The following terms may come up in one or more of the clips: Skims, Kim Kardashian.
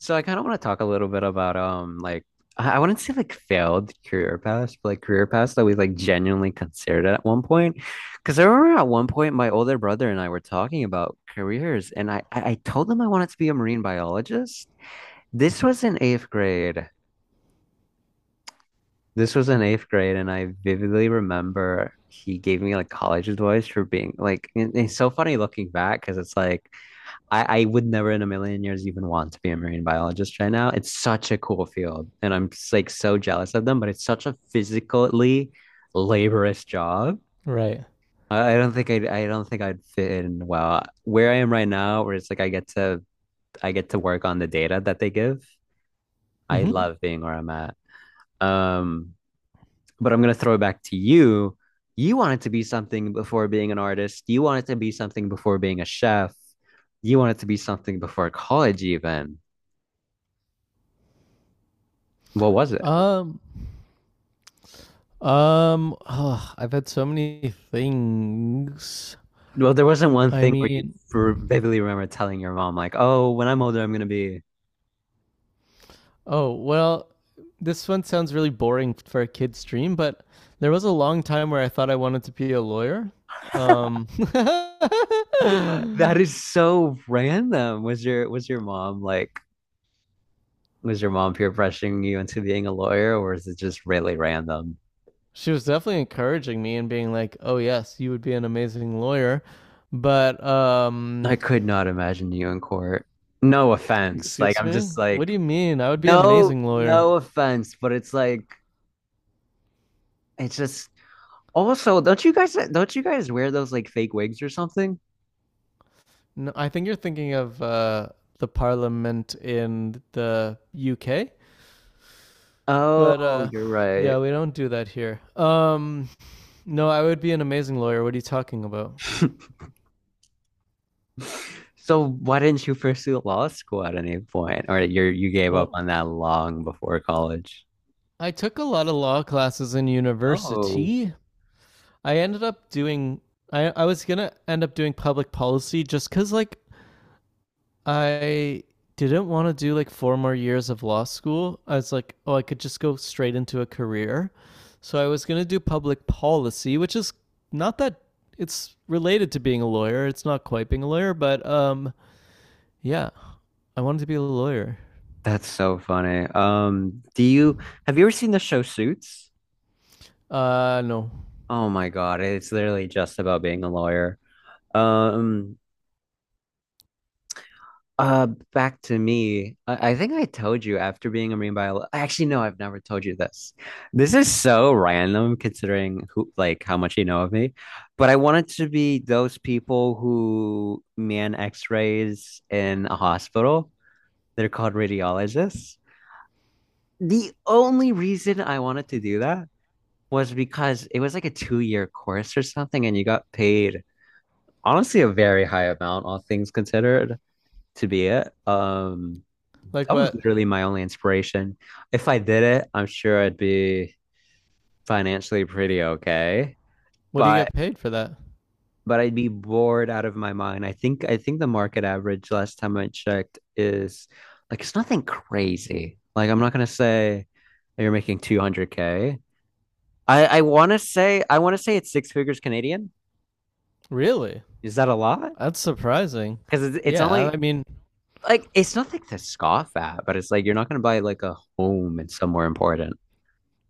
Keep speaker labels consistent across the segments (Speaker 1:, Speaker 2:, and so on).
Speaker 1: So I kind of want to talk a little bit about like I wouldn't say like failed career paths, but like career paths that we like genuinely considered at one point. Because I remember at one point my older brother and I were talking about careers, and I told him I wanted to be a marine biologist. This was in eighth grade. This was in eighth grade, and I vividly remember he gave me like college advice for being like. And it's so funny looking back because it's like I would never in a million years even want to be a marine biologist right now. It's such a cool field, and I'm like so jealous of them. But it's such a physically laborious job.
Speaker 2: Right.
Speaker 1: I don't think I'd fit in well where I am right now, where it's like I get to work on the data that they give. I, Mhm,
Speaker 2: hmm
Speaker 1: love being where I'm at. Um, but I'm gonna throw it back to you. You wanted to be something before being an artist. You wanted to be something before being a chef. You wanted to be something before college, even. What was it?
Speaker 2: Um. I've had so many things.
Speaker 1: Well, there wasn't one
Speaker 2: I
Speaker 1: thing where you
Speaker 2: mean,
Speaker 1: for vividly remember telling your mom like, "Oh, when I'm older, I'm gonna be."
Speaker 2: oh well. This one sounds really boring for a kid's dream, but there was a long time where I thought I wanted to be a lawyer. Um.
Speaker 1: That is so random. Was your mom like was your mom peer pressuring you into being a lawyer, or is it just really random?
Speaker 2: She was definitely encouraging me and being like, "Oh yes, you would be an amazing lawyer," but
Speaker 1: I could not imagine you in court. No offense. Like
Speaker 2: Excuse
Speaker 1: I'm
Speaker 2: me?
Speaker 1: just
Speaker 2: What
Speaker 1: like
Speaker 2: do you mean? I would be an
Speaker 1: no
Speaker 2: amazing lawyer.
Speaker 1: no offense, but it's like it's just also don't you guys wear those like fake wigs or something?
Speaker 2: No, I think you're thinking of the parliament in the UK, but
Speaker 1: Oh, you're right.
Speaker 2: yeah, we don't do that here. No, I would be an amazing lawyer. What are you talking about?
Speaker 1: So why didn't you pursue law school at any point? Or you gave up
Speaker 2: Well,
Speaker 1: on that long before college?
Speaker 2: I took a lot of law classes in
Speaker 1: Oh,
Speaker 2: university. I ended up doing. I was gonna end up doing public policy just because like I didn't want to do like four more years of law school. I was like, oh, I could just go straight into a career. So I was going to do public policy, which is not that it's related to being a lawyer. It's not quite being a lawyer, but yeah, I wanted to be a lawyer.
Speaker 1: that's so funny. Do you Have you ever seen the show Suits?
Speaker 2: No.
Speaker 1: Oh my God, it's literally just about being a lawyer. Um, Uh, Back to me. I think I told you after being a marine biologist. Actually, no, I've never told you this. This is so random considering who, like, how much you know of me. But I wanted to be those people who man X-rays in a hospital. They're called radiologists. The only reason I wanted to do that was because it was like a 2-year course or something, and you got paid honestly a very high amount, all things considered, to be it.
Speaker 2: Like
Speaker 1: That was
Speaker 2: what?
Speaker 1: literally my only inspiration. If I did it, I'm sure I'd be financially pretty okay,
Speaker 2: What do you get
Speaker 1: but
Speaker 2: paid for that?
Speaker 1: I'd be bored out of my mind. I think the market average last time I checked is like it's nothing crazy. Like I'm not gonna say that you're making 200K. I want to say I want to say it's six figures Canadian.
Speaker 2: Really?
Speaker 1: Is that a lot?
Speaker 2: That's surprising.
Speaker 1: Because it's
Speaker 2: Yeah,
Speaker 1: only
Speaker 2: I mean,
Speaker 1: like it's nothing to scoff at, but it's like you're not gonna buy like a home in somewhere important.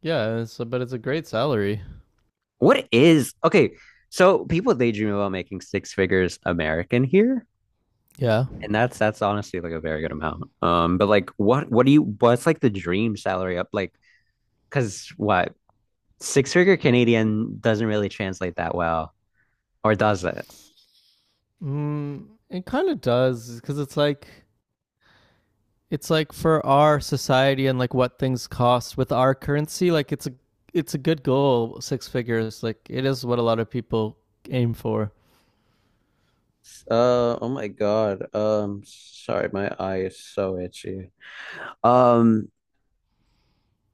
Speaker 2: but it's a great salary.
Speaker 1: What is okay? So people they dream about making six figures American here,
Speaker 2: Yeah.
Speaker 1: and that's honestly like a very good amount. But like, what do you what's like the dream salary up like? Because what six figure Canadian doesn't really translate that well, or does it?
Speaker 2: Mm, it kind of does because it's like it's like for our society and like what things cost with our currency, like it's a good goal, six figures. Like it is what a lot of people aim for.
Speaker 1: Oh my God. Sorry, my eye is so itchy. Um,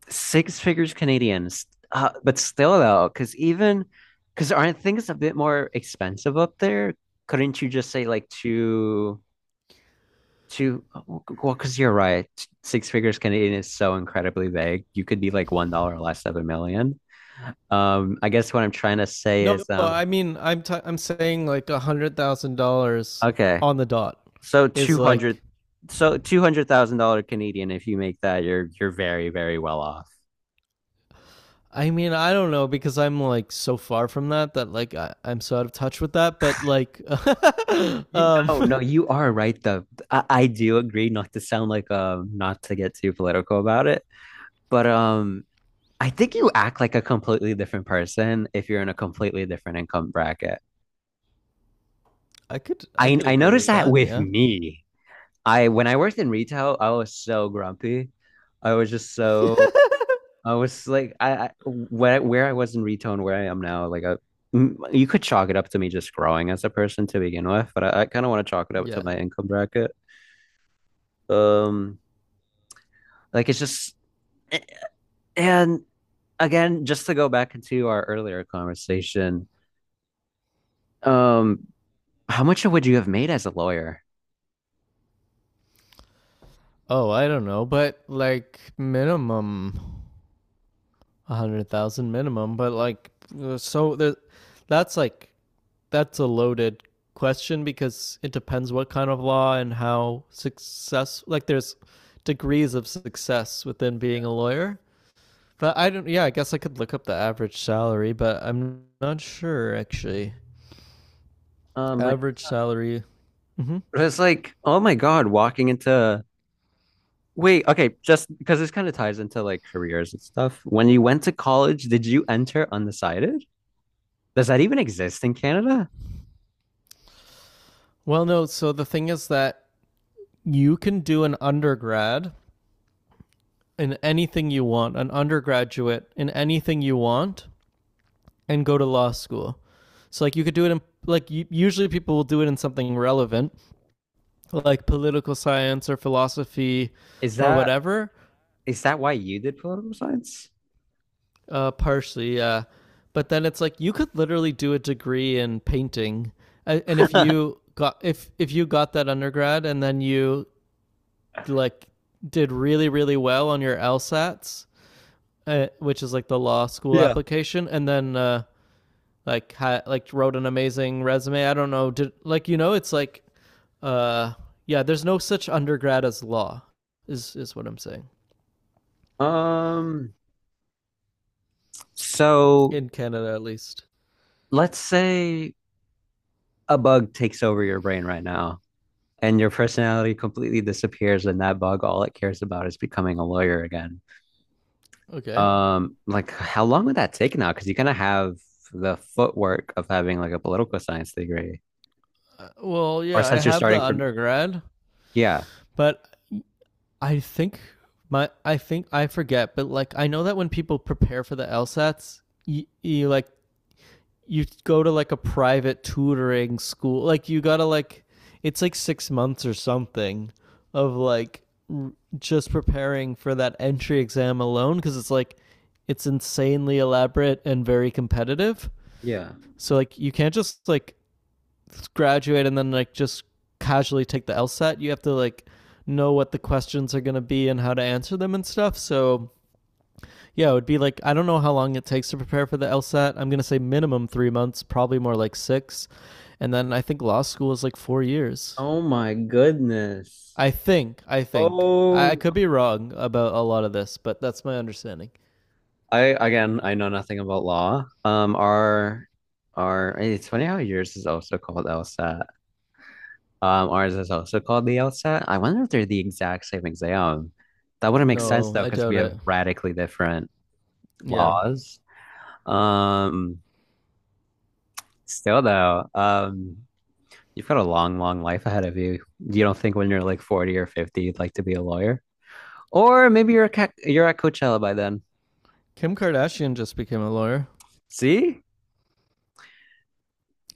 Speaker 1: Six figures Canadians, but still though, because even because aren't things a bit more expensive up there? Couldn't you just say like two? Well, because you're right, six figures Canadian is so incredibly vague. You could be like $1 less of a million. I guess what I'm trying to say
Speaker 2: No,
Speaker 1: is,
Speaker 2: I mean I'm saying like $100,000
Speaker 1: okay,
Speaker 2: on the dot
Speaker 1: so
Speaker 2: is
Speaker 1: two hundred,
Speaker 2: like.
Speaker 1: so 200,000 dollar Canadian. If you make that, you're very very well off.
Speaker 2: I mean I don't know because I'm like so far from that that like I'm so out of touch with that. But like, um,
Speaker 1: No, no, you are right though. I do agree not to sound like not to get too political about it, but I think you act like a completely different person if you're in a completely different income bracket.
Speaker 2: I
Speaker 1: I
Speaker 2: could
Speaker 1: I
Speaker 2: agree
Speaker 1: noticed
Speaker 2: with
Speaker 1: that
Speaker 2: that.
Speaker 1: with
Speaker 2: Yeah,
Speaker 1: me. I When I worked in retail, I was so grumpy. I was just so. I was like I where I was in retail and where I am now, like you could chalk it up to me just growing as a person to begin with, but I kind of want to chalk it up to
Speaker 2: yeah.
Speaker 1: my income bracket. Um Like it's just. And again, just to go back into our earlier conversation, um, how much would you have made as a lawyer?
Speaker 2: Oh, I don't know, but like minimum a hundred thousand minimum, but like, uh, so there, that's like that's a loaded question because it depends what kind of law and how success. Like, there's degrees of success within being a lawyer. But I don't. Yeah, I guess I could look up the average salary, but I'm not sure actually.
Speaker 1: Like
Speaker 2: Average salary. hmm
Speaker 1: it was like, oh my god, walking into, wait, okay, just because this kind of ties into like careers and stuff. When you went to college, did you enter undecided? Does that even exist in Canada?
Speaker 2: Well, no. So the thing is that you can do an undergrad in anything you want, an undergraduate in anything you want, and go to law school. So like you could do it in like usually people will do it in something relevant, like political science or philosophy
Speaker 1: Is
Speaker 2: or
Speaker 1: that
Speaker 2: whatever.
Speaker 1: is that why you did political science?
Speaker 2: Partially, yeah. But then it's like you could literally do a degree in painting, and if you got that undergrad and then you like did really really well on your LSATs, which is like the law school
Speaker 1: Yeah.
Speaker 2: application, and then like like wrote an amazing resume. I don't know. Did like you know it's like uh yeah, there's no such undergrad as law is what I'm saying.
Speaker 1: Um, so
Speaker 2: In Canada at least.
Speaker 1: let's say a bug takes over your brain right now and your personality completely disappears and that bug all it cares about is becoming a lawyer again,
Speaker 2: Okay.
Speaker 1: like how long would that take now, because you are gonna have the footwork of having like a political science degree,
Speaker 2: Well,
Speaker 1: or
Speaker 2: yeah, I
Speaker 1: since you're
Speaker 2: have the
Speaker 1: starting from.
Speaker 2: undergrad,
Speaker 1: Yeah,
Speaker 2: but I think my I think I forget, but like I know that when people prepare for the LSATs, you like you go to like a private tutoring school. Like you gotta like it's like 6 months or something of like r- just preparing for that entry exam alone because it's insanely elaborate and very competitive.
Speaker 1: yeah.
Speaker 2: So like you can't just like graduate and then like just casually take the LSAT. You have to like know what the questions are going to be and how to answer them and stuff. So yeah, it would be like I don't know how long it takes to prepare for the LSAT. I'm gonna say minimum 3 months, probably more like six, and then I think law school is like 4 years.
Speaker 1: Oh my goodness.
Speaker 2: I think. I think. I,
Speaker 1: Oh,
Speaker 2: I could be wrong about a lot of this, but that's my understanding.
Speaker 1: I know nothing about law. Our It's funny how yours is also called LSAT. Ours is also called the LSAT. I wonder if they're the exact same exam. That wouldn't make, yeah, sense
Speaker 2: No,
Speaker 1: though,
Speaker 2: I
Speaker 1: because we
Speaker 2: doubt it.
Speaker 1: have radically different, yeah,
Speaker 2: Yeah,
Speaker 1: laws. Um, Still though, you've got a long, long life ahead of you. You don't think when you're like 40 or 50 you'd like to be a lawyer? Or maybe you're a ca you're at Coachella by then.
Speaker 2: Kim Kardashian just became a lawyer,
Speaker 1: See?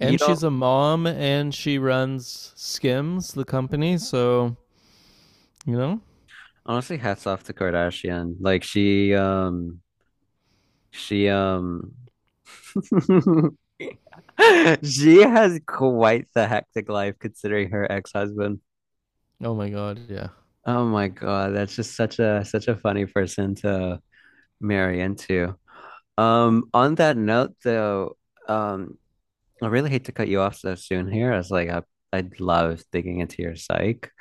Speaker 1: You
Speaker 2: and
Speaker 1: don't
Speaker 2: she's a mom, and she runs Skims, the company. So you know.
Speaker 1: Honestly, hats off to Kardashian. Like she, she she has quite the hectic life considering her ex-husband.
Speaker 2: Oh my God. Yeah.
Speaker 1: Oh my God, that's just such a funny person to marry into. On that note though, um, I really hate to cut you off so soon here. I was like, I'd love digging into your psych,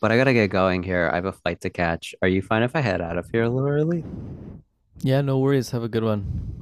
Speaker 1: but I gotta get going here. I have a flight to catch. Are you fine if I head out of here a little early?
Speaker 2: Yeah. No worries. Have a good one.